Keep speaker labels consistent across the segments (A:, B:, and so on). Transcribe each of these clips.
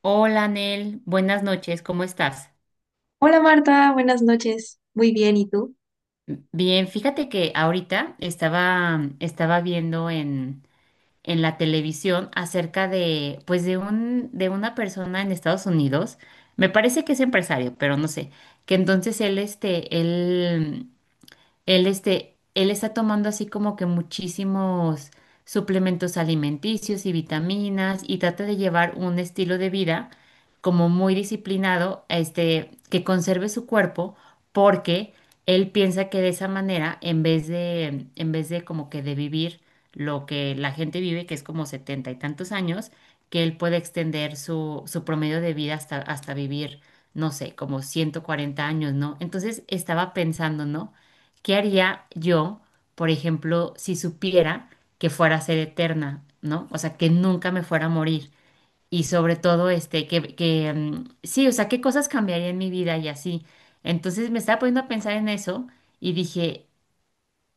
A: Hola, Nel, buenas noches, ¿cómo estás?
B: Hola Marta, buenas noches. Muy bien, ¿y tú?
A: Bien, fíjate que ahorita estaba viendo en la televisión acerca de, pues de una persona en Estados Unidos, me parece que es empresario, pero no sé. Que entonces él, este, él Él, este, él está tomando así como que muchísimos suplementos alimenticios y vitaminas y trata de llevar un estilo de vida como muy disciplinado, que conserve su cuerpo porque él piensa que de esa manera, en vez de como que de vivir lo que la gente vive, que es como 70 y tantos años, que él puede extender su promedio de vida hasta vivir, no sé, como 140 años, ¿no? Entonces estaba pensando, ¿no? ¿Qué haría yo, por ejemplo, si supiera que fuera a ser eterna? ¿No? O sea, que nunca me fuera a morir. Y sobre todo, sí, o sea, qué cosas cambiaría en mi vida y así. Entonces me estaba poniendo a pensar en eso y dije,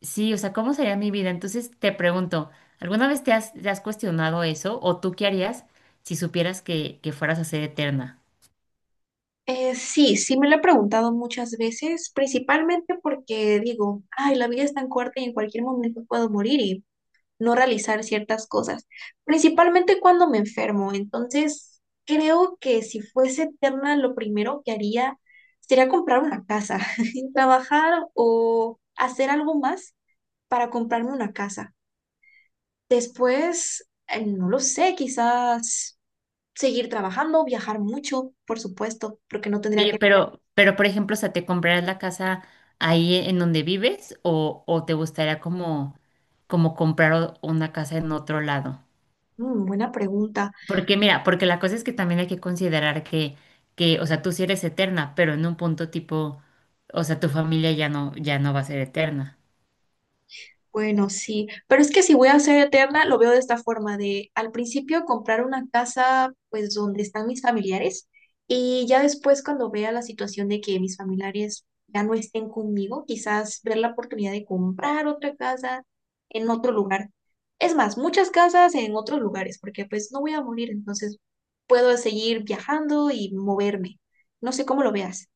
A: sí, o sea, ¿cómo sería mi vida? Entonces te pregunto, ¿alguna vez te has cuestionado eso? ¿O tú qué harías si supieras que fueras a ser eterna?
B: Sí, sí me lo he preguntado muchas veces, principalmente porque digo, ay, la vida es tan corta y en cualquier momento puedo morir y no realizar ciertas cosas, principalmente cuando me enfermo. Entonces, creo que si fuese eterna, lo primero que haría sería comprar una casa, trabajar o hacer algo más para comprarme una casa. Después, no lo sé, quizás seguir trabajando, viajar mucho, por supuesto, porque no tendría
A: Oye,
B: que...
A: pero por ejemplo, o sea, ¿te comprarás la casa ahí en donde vives o te gustaría como comprar una casa en otro lado?
B: Mm, buena pregunta.
A: Porque mira, porque la cosa es que también hay que considerar o sea, tú sí eres eterna, pero en un punto tipo, o sea, tu familia ya no va a ser eterna.
B: Bueno, sí, pero es que si voy a ser eterna, lo veo de esta forma, de al principio comprar una casa, pues donde están mis familiares, y ya después cuando vea la situación de que mis familiares ya no estén conmigo, quizás ver la oportunidad de comprar otra casa en otro lugar. Es más, muchas casas en otros lugares, porque pues no voy a morir, entonces puedo seguir viajando y moverme. No sé cómo lo veas.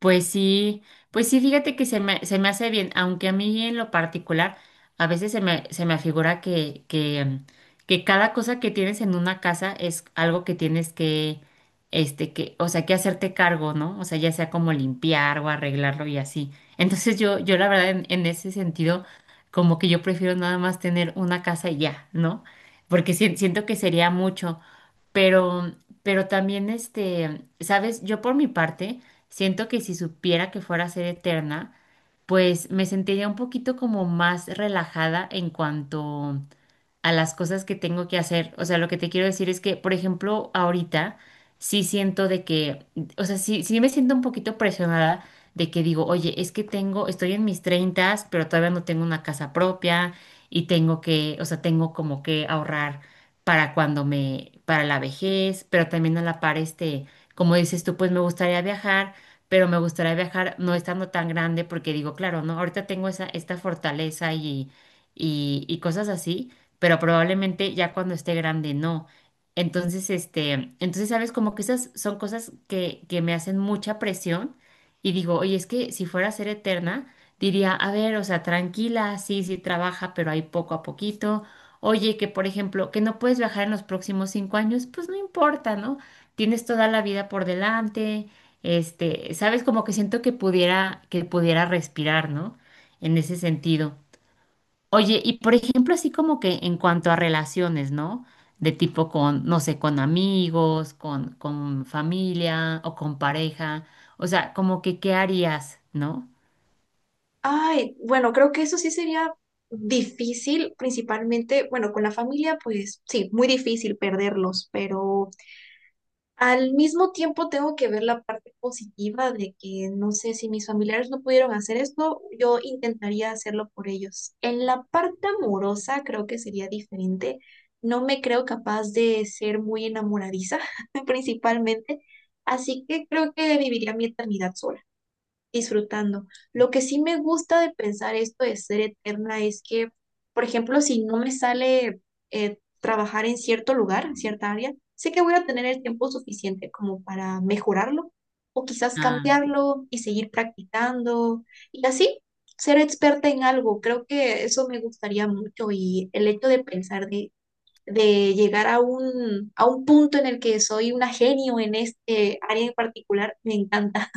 A: Pues sí, pues sí, fíjate que se me hace bien, aunque a mí en lo particular a veces se me afigura que cada cosa que tienes en una casa es algo que tienes que, o sea, que hacerte cargo, ¿no? O sea, ya sea como limpiar o arreglarlo y así. Entonces yo la verdad en ese sentido, como que yo prefiero nada más tener una casa y ya, ¿no? Porque siento que sería mucho, pero, pero también, ¿sabes? Yo por mi parte. Siento que si supiera que fuera a ser eterna, pues me sentiría un poquito como más relajada en cuanto a las cosas que tengo que hacer. O sea, lo que te quiero decir es que, por ejemplo, ahorita sí siento de que, o sea, sí, sí me siento un poquito presionada de que digo, oye, es que estoy en mis treintas, pero todavía no tengo una casa propia y tengo que, o sea, tengo como que ahorrar para cuando me, para la vejez, pero también a la par, como dices tú, pues me gustaría viajar. Pero me gustaría viajar no estando tan grande porque digo, claro, ¿no? Ahorita tengo esa, esta fortaleza y cosas así, pero probablemente ya cuando esté grande no. Entonces, sabes, como que esas son cosas que me hacen mucha presión y digo, oye, es que si fuera a ser eterna, diría, a ver, o sea, tranquila, sí, sí trabaja, pero ahí poco a poquito. Oye, que por ejemplo, que no puedes viajar en los próximos 5 años, pues no importa, ¿no? Tienes toda la vida por delante, sabes, como que siento que pudiera respirar, ¿no? En ese sentido. Oye, y por ejemplo, así como que en cuanto a relaciones, ¿no? De tipo con, no sé, con amigos, con familia o con pareja. O sea, como que, ¿qué harías, no?
B: Ay, bueno, creo que eso sí sería difícil, principalmente, bueno, con la familia, pues sí, muy difícil perderlos, pero al mismo tiempo tengo que ver la parte positiva de que no sé si mis familiares no pudieron hacer esto, yo intentaría hacerlo por ellos. En la parte amorosa creo que sería diferente. No me creo capaz de ser muy enamoradiza, principalmente, así que creo que viviría mi eternidad sola disfrutando. Lo que sí me gusta de pensar esto de ser eterna es que, por ejemplo, si no me sale trabajar en cierto lugar, en cierta área, sé que voy a tener el tiempo suficiente como para mejorarlo o quizás
A: Ah,
B: cambiarlo y seguir practicando y así ser experta en algo. Creo que eso me gustaría mucho y el hecho de pensar de llegar a un punto en el que soy una genio en este área en particular, me encanta.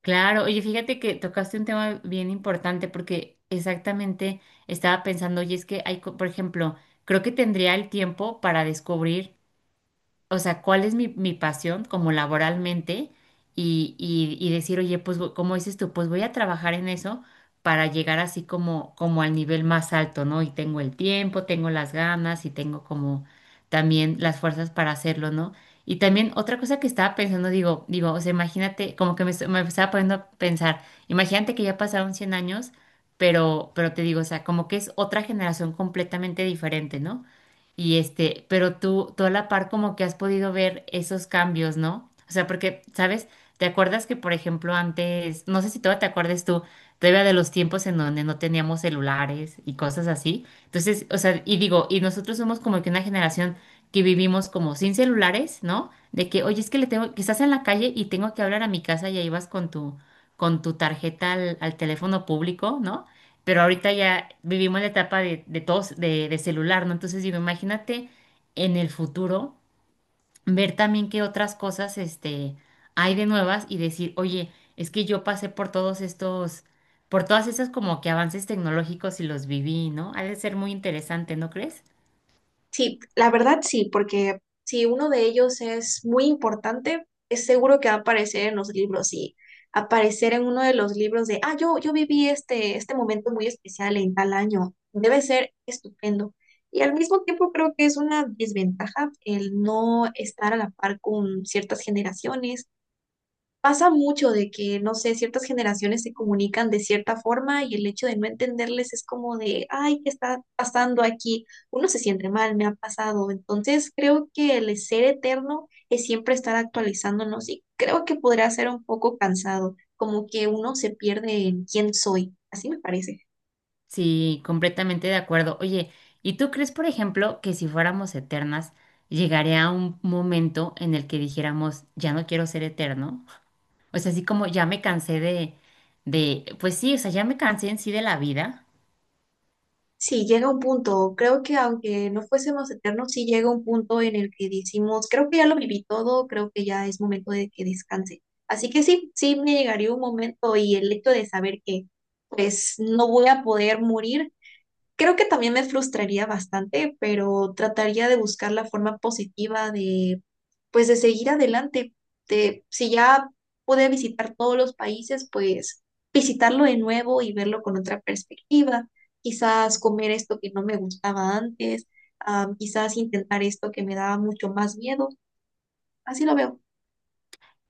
A: claro. Oye, fíjate que tocaste un tema bien importante porque exactamente estaba pensando, oye, es que hay, por ejemplo, creo que tendría el tiempo para descubrir, o sea, cuál es mi pasión como laboralmente y decir, oye, como dices tú, pues voy a trabajar en eso para llegar así como al nivel más alto, ¿no? Y tengo el tiempo, tengo las ganas y tengo como también las fuerzas para hacerlo, ¿no? Y también otra cosa que estaba pensando, digo, o sea, imagínate, como que me, est- me estaba poniendo a pensar, imagínate que ya pasaron 100 años, pero te digo, o sea, como que es otra generación completamente diferente, ¿no? Y pero tú a la par como que has podido ver esos cambios, ¿no? O sea, porque, ¿sabes? ¿Te acuerdas que, por ejemplo, antes, no sé si todavía te acuerdas tú, todavía de los tiempos en donde no teníamos celulares y cosas así? Entonces, o sea, y digo, y nosotros somos como que una generación que vivimos como sin celulares, ¿no? De que, oye, es que le tengo, que estás en la calle y tengo que hablar a mi casa y ahí vas con tu tarjeta al teléfono público, ¿no? Pero ahorita ya vivimos la etapa de celular, ¿no? Entonces digo, imagínate en el futuro ver también qué otras cosas hay de nuevas y decir, oye, es que yo pasé por todos estos, por todas esas como que avances tecnológicos y los viví, ¿no? Ha de ser muy interesante, ¿no crees?
B: Sí, la verdad sí, porque si uno de ellos es muy importante, es seguro que va a aparecer en los libros y aparecer en uno de los libros de, ah, yo viví este momento muy especial en tal año, debe ser estupendo. Y al mismo tiempo creo que es una desventaja el no estar a la par con ciertas generaciones. Pasa mucho de que, no sé, ciertas generaciones se comunican de cierta forma y el hecho de no entenderles es como de, ay, ¿qué está pasando aquí? Uno se siente mal, me ha pasado. Entonces, creo que el ser eterno es siempre estar actualizándonos y creo que podrá ser un poco cansado, como que uno se pierde en quién soy. Así me parece.
A: Sí, completamente de acuerdo. Oye, ¿y tú crees, por ejemplo, que si fuéramos eternas, llegaría un momento en el que dijéramos, ya no quiero ser eterno? O sea, así como ya me cansé pues sí, o sea, ya me cansé en sí de la vida.
B: Sí, llega un punto, creo que aunque no fuésemos eternos, sí llega un punto en el que decimos, creo que ya lo viví todo, creo que ya es momento de que descanse. Así que sí, sí me llegaría un momento y el hecho de saber que pues no voy a poder morir, creo que también me frustraría bastante, pero trataría de buscar la forma positiva de, pues, de seguir adelante. De, si ya pude visitar todos los países, pues visitarlo de nuevo y verlo con otra perspectiva. Quizás comer esto que no me gustaba antes, ah, quizás intentar esto que me daba mucho más miedo. Así lo veo.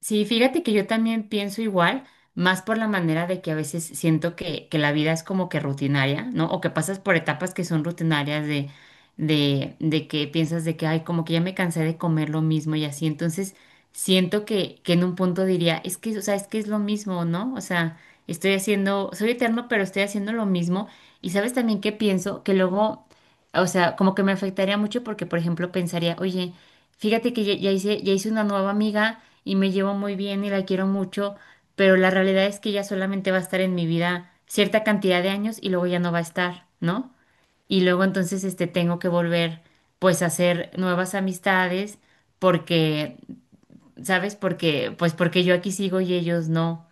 A: Sí, fíjate que yo también pienso igual, más por la manera de que a veces siento que la vida es como que rutinaria, ¿no? O que pasas por etapas que son rutinarias de que piensas de que, ay, como que ya me cansé de comer lo mismo y así. Entonces, siento que en un punto diría, es que, o sea, es que es lo mismo, ¿no? O sea, estoy haciendo, soy eterno, pero estoy haciendo lo mismo. Y sabes también que pienso que luego, o sea, como que me afectaría mucho porque, por ejemplo, pensaría, oye, fíjate que ya hice una nueva amiga y me llevo muy bien y la quiero mucho, pero la realidad es que ella solamente va a estar en mi vida cierta cantidad de años y luego ya no va a estar, ¿no? Y luego entonces tengo que volver pues a hacer nuevas amistades porque, ¿sabes? Porque, pues porque yo aquí sigo y ellos no.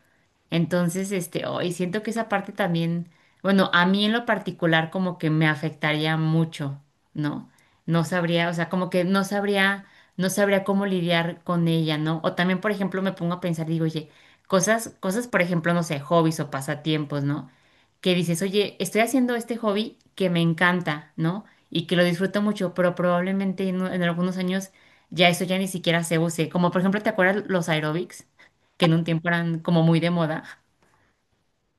A: Entonces, hoy siento que esa parte también, bueno, a mí en lo particular como que me afectaría mucho, ¿no? No sabría, o sea, como que no sabría, no sabría cómo lidiar con ella, ¿no? O también, por ejemplo, me pongo a pensar, digo, oye, cosas, por ejemplo, no sé, hobbies o pasatiempos, ¿no? Que dices, oye, estoy haciendo este hobby que me encanta, ¿no? Y que lo disfruto mucho, pero probablemente en algunos años ya eso ya ni siquiera se use. Como por ejemplo, ¿te acuerdas los aerobics? Que en un tiempo eran como muy de moda.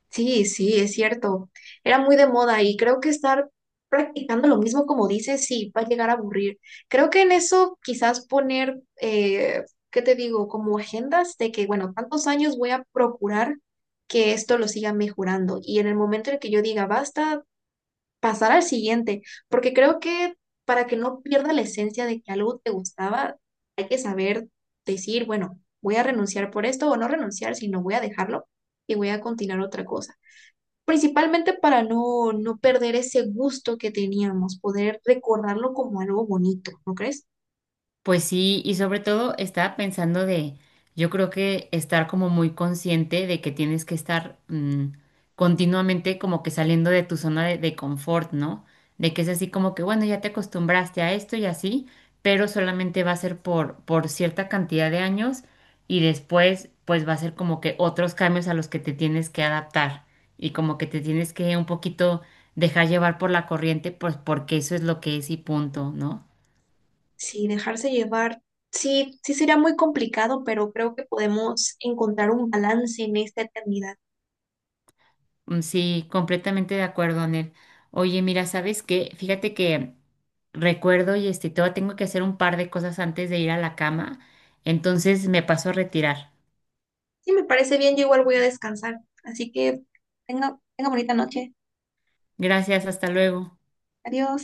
B: Sí, sí, es cierto. Era muy de moda y creo que estar practicando lo mismo como dices, sí, va a llegar a aburrir. Creo que en eso quizás poner, ¿qué te digo? Como agendas de que, bueno, tantos años voy a procurar que esto lo siga mejorando y en el momento en el que yo diga basta, pasar al siguiente, porque creo que para que no pierda la esencia de que algo te gustaba, hay que saber decir, bueno, voy a renunciar por esto o no renunciar, sino voy a dejarlo y voy a continuar otra cosa. Principalmente para no perder ese gusto que teníamos, poder recordarlo como algo bonito, ¿no crees?
A: Pues sí, y sobre todo estaba pensando de, yo creo que estar como muy consciente de que tienes que estar continuamente como que saliendo de tu zona de confort, ¿no? De que es así como que, bueno, ya te acostumbraste a esto y así, pero solamente va a ser por cierta cantidad de años y después pues va a ser como que otros cambios a los que te tienes que adaptar y como que te tienes que un poquito dejar llevar por la corriente, pues porque eso es lo que es y punto, ¿no?
B: Sí, dejarse llevar, sí, sí sería muy complicado, pero creo que podemos encontrar un balance en esta eternidad.
A: Mm, sí, completamente de acuerdo, Anel. Oye, mira, ¿sabes qué? Fíjate que recuerdo todavía tengo que hacer un par de cosas antes de ir a la cama, entonces me paso a retirar.
B: Sí, me parece bien, yo igual voy a descansar, así que tenga bonita noche.
A: Gracias, hasta luego.
B: Adiós.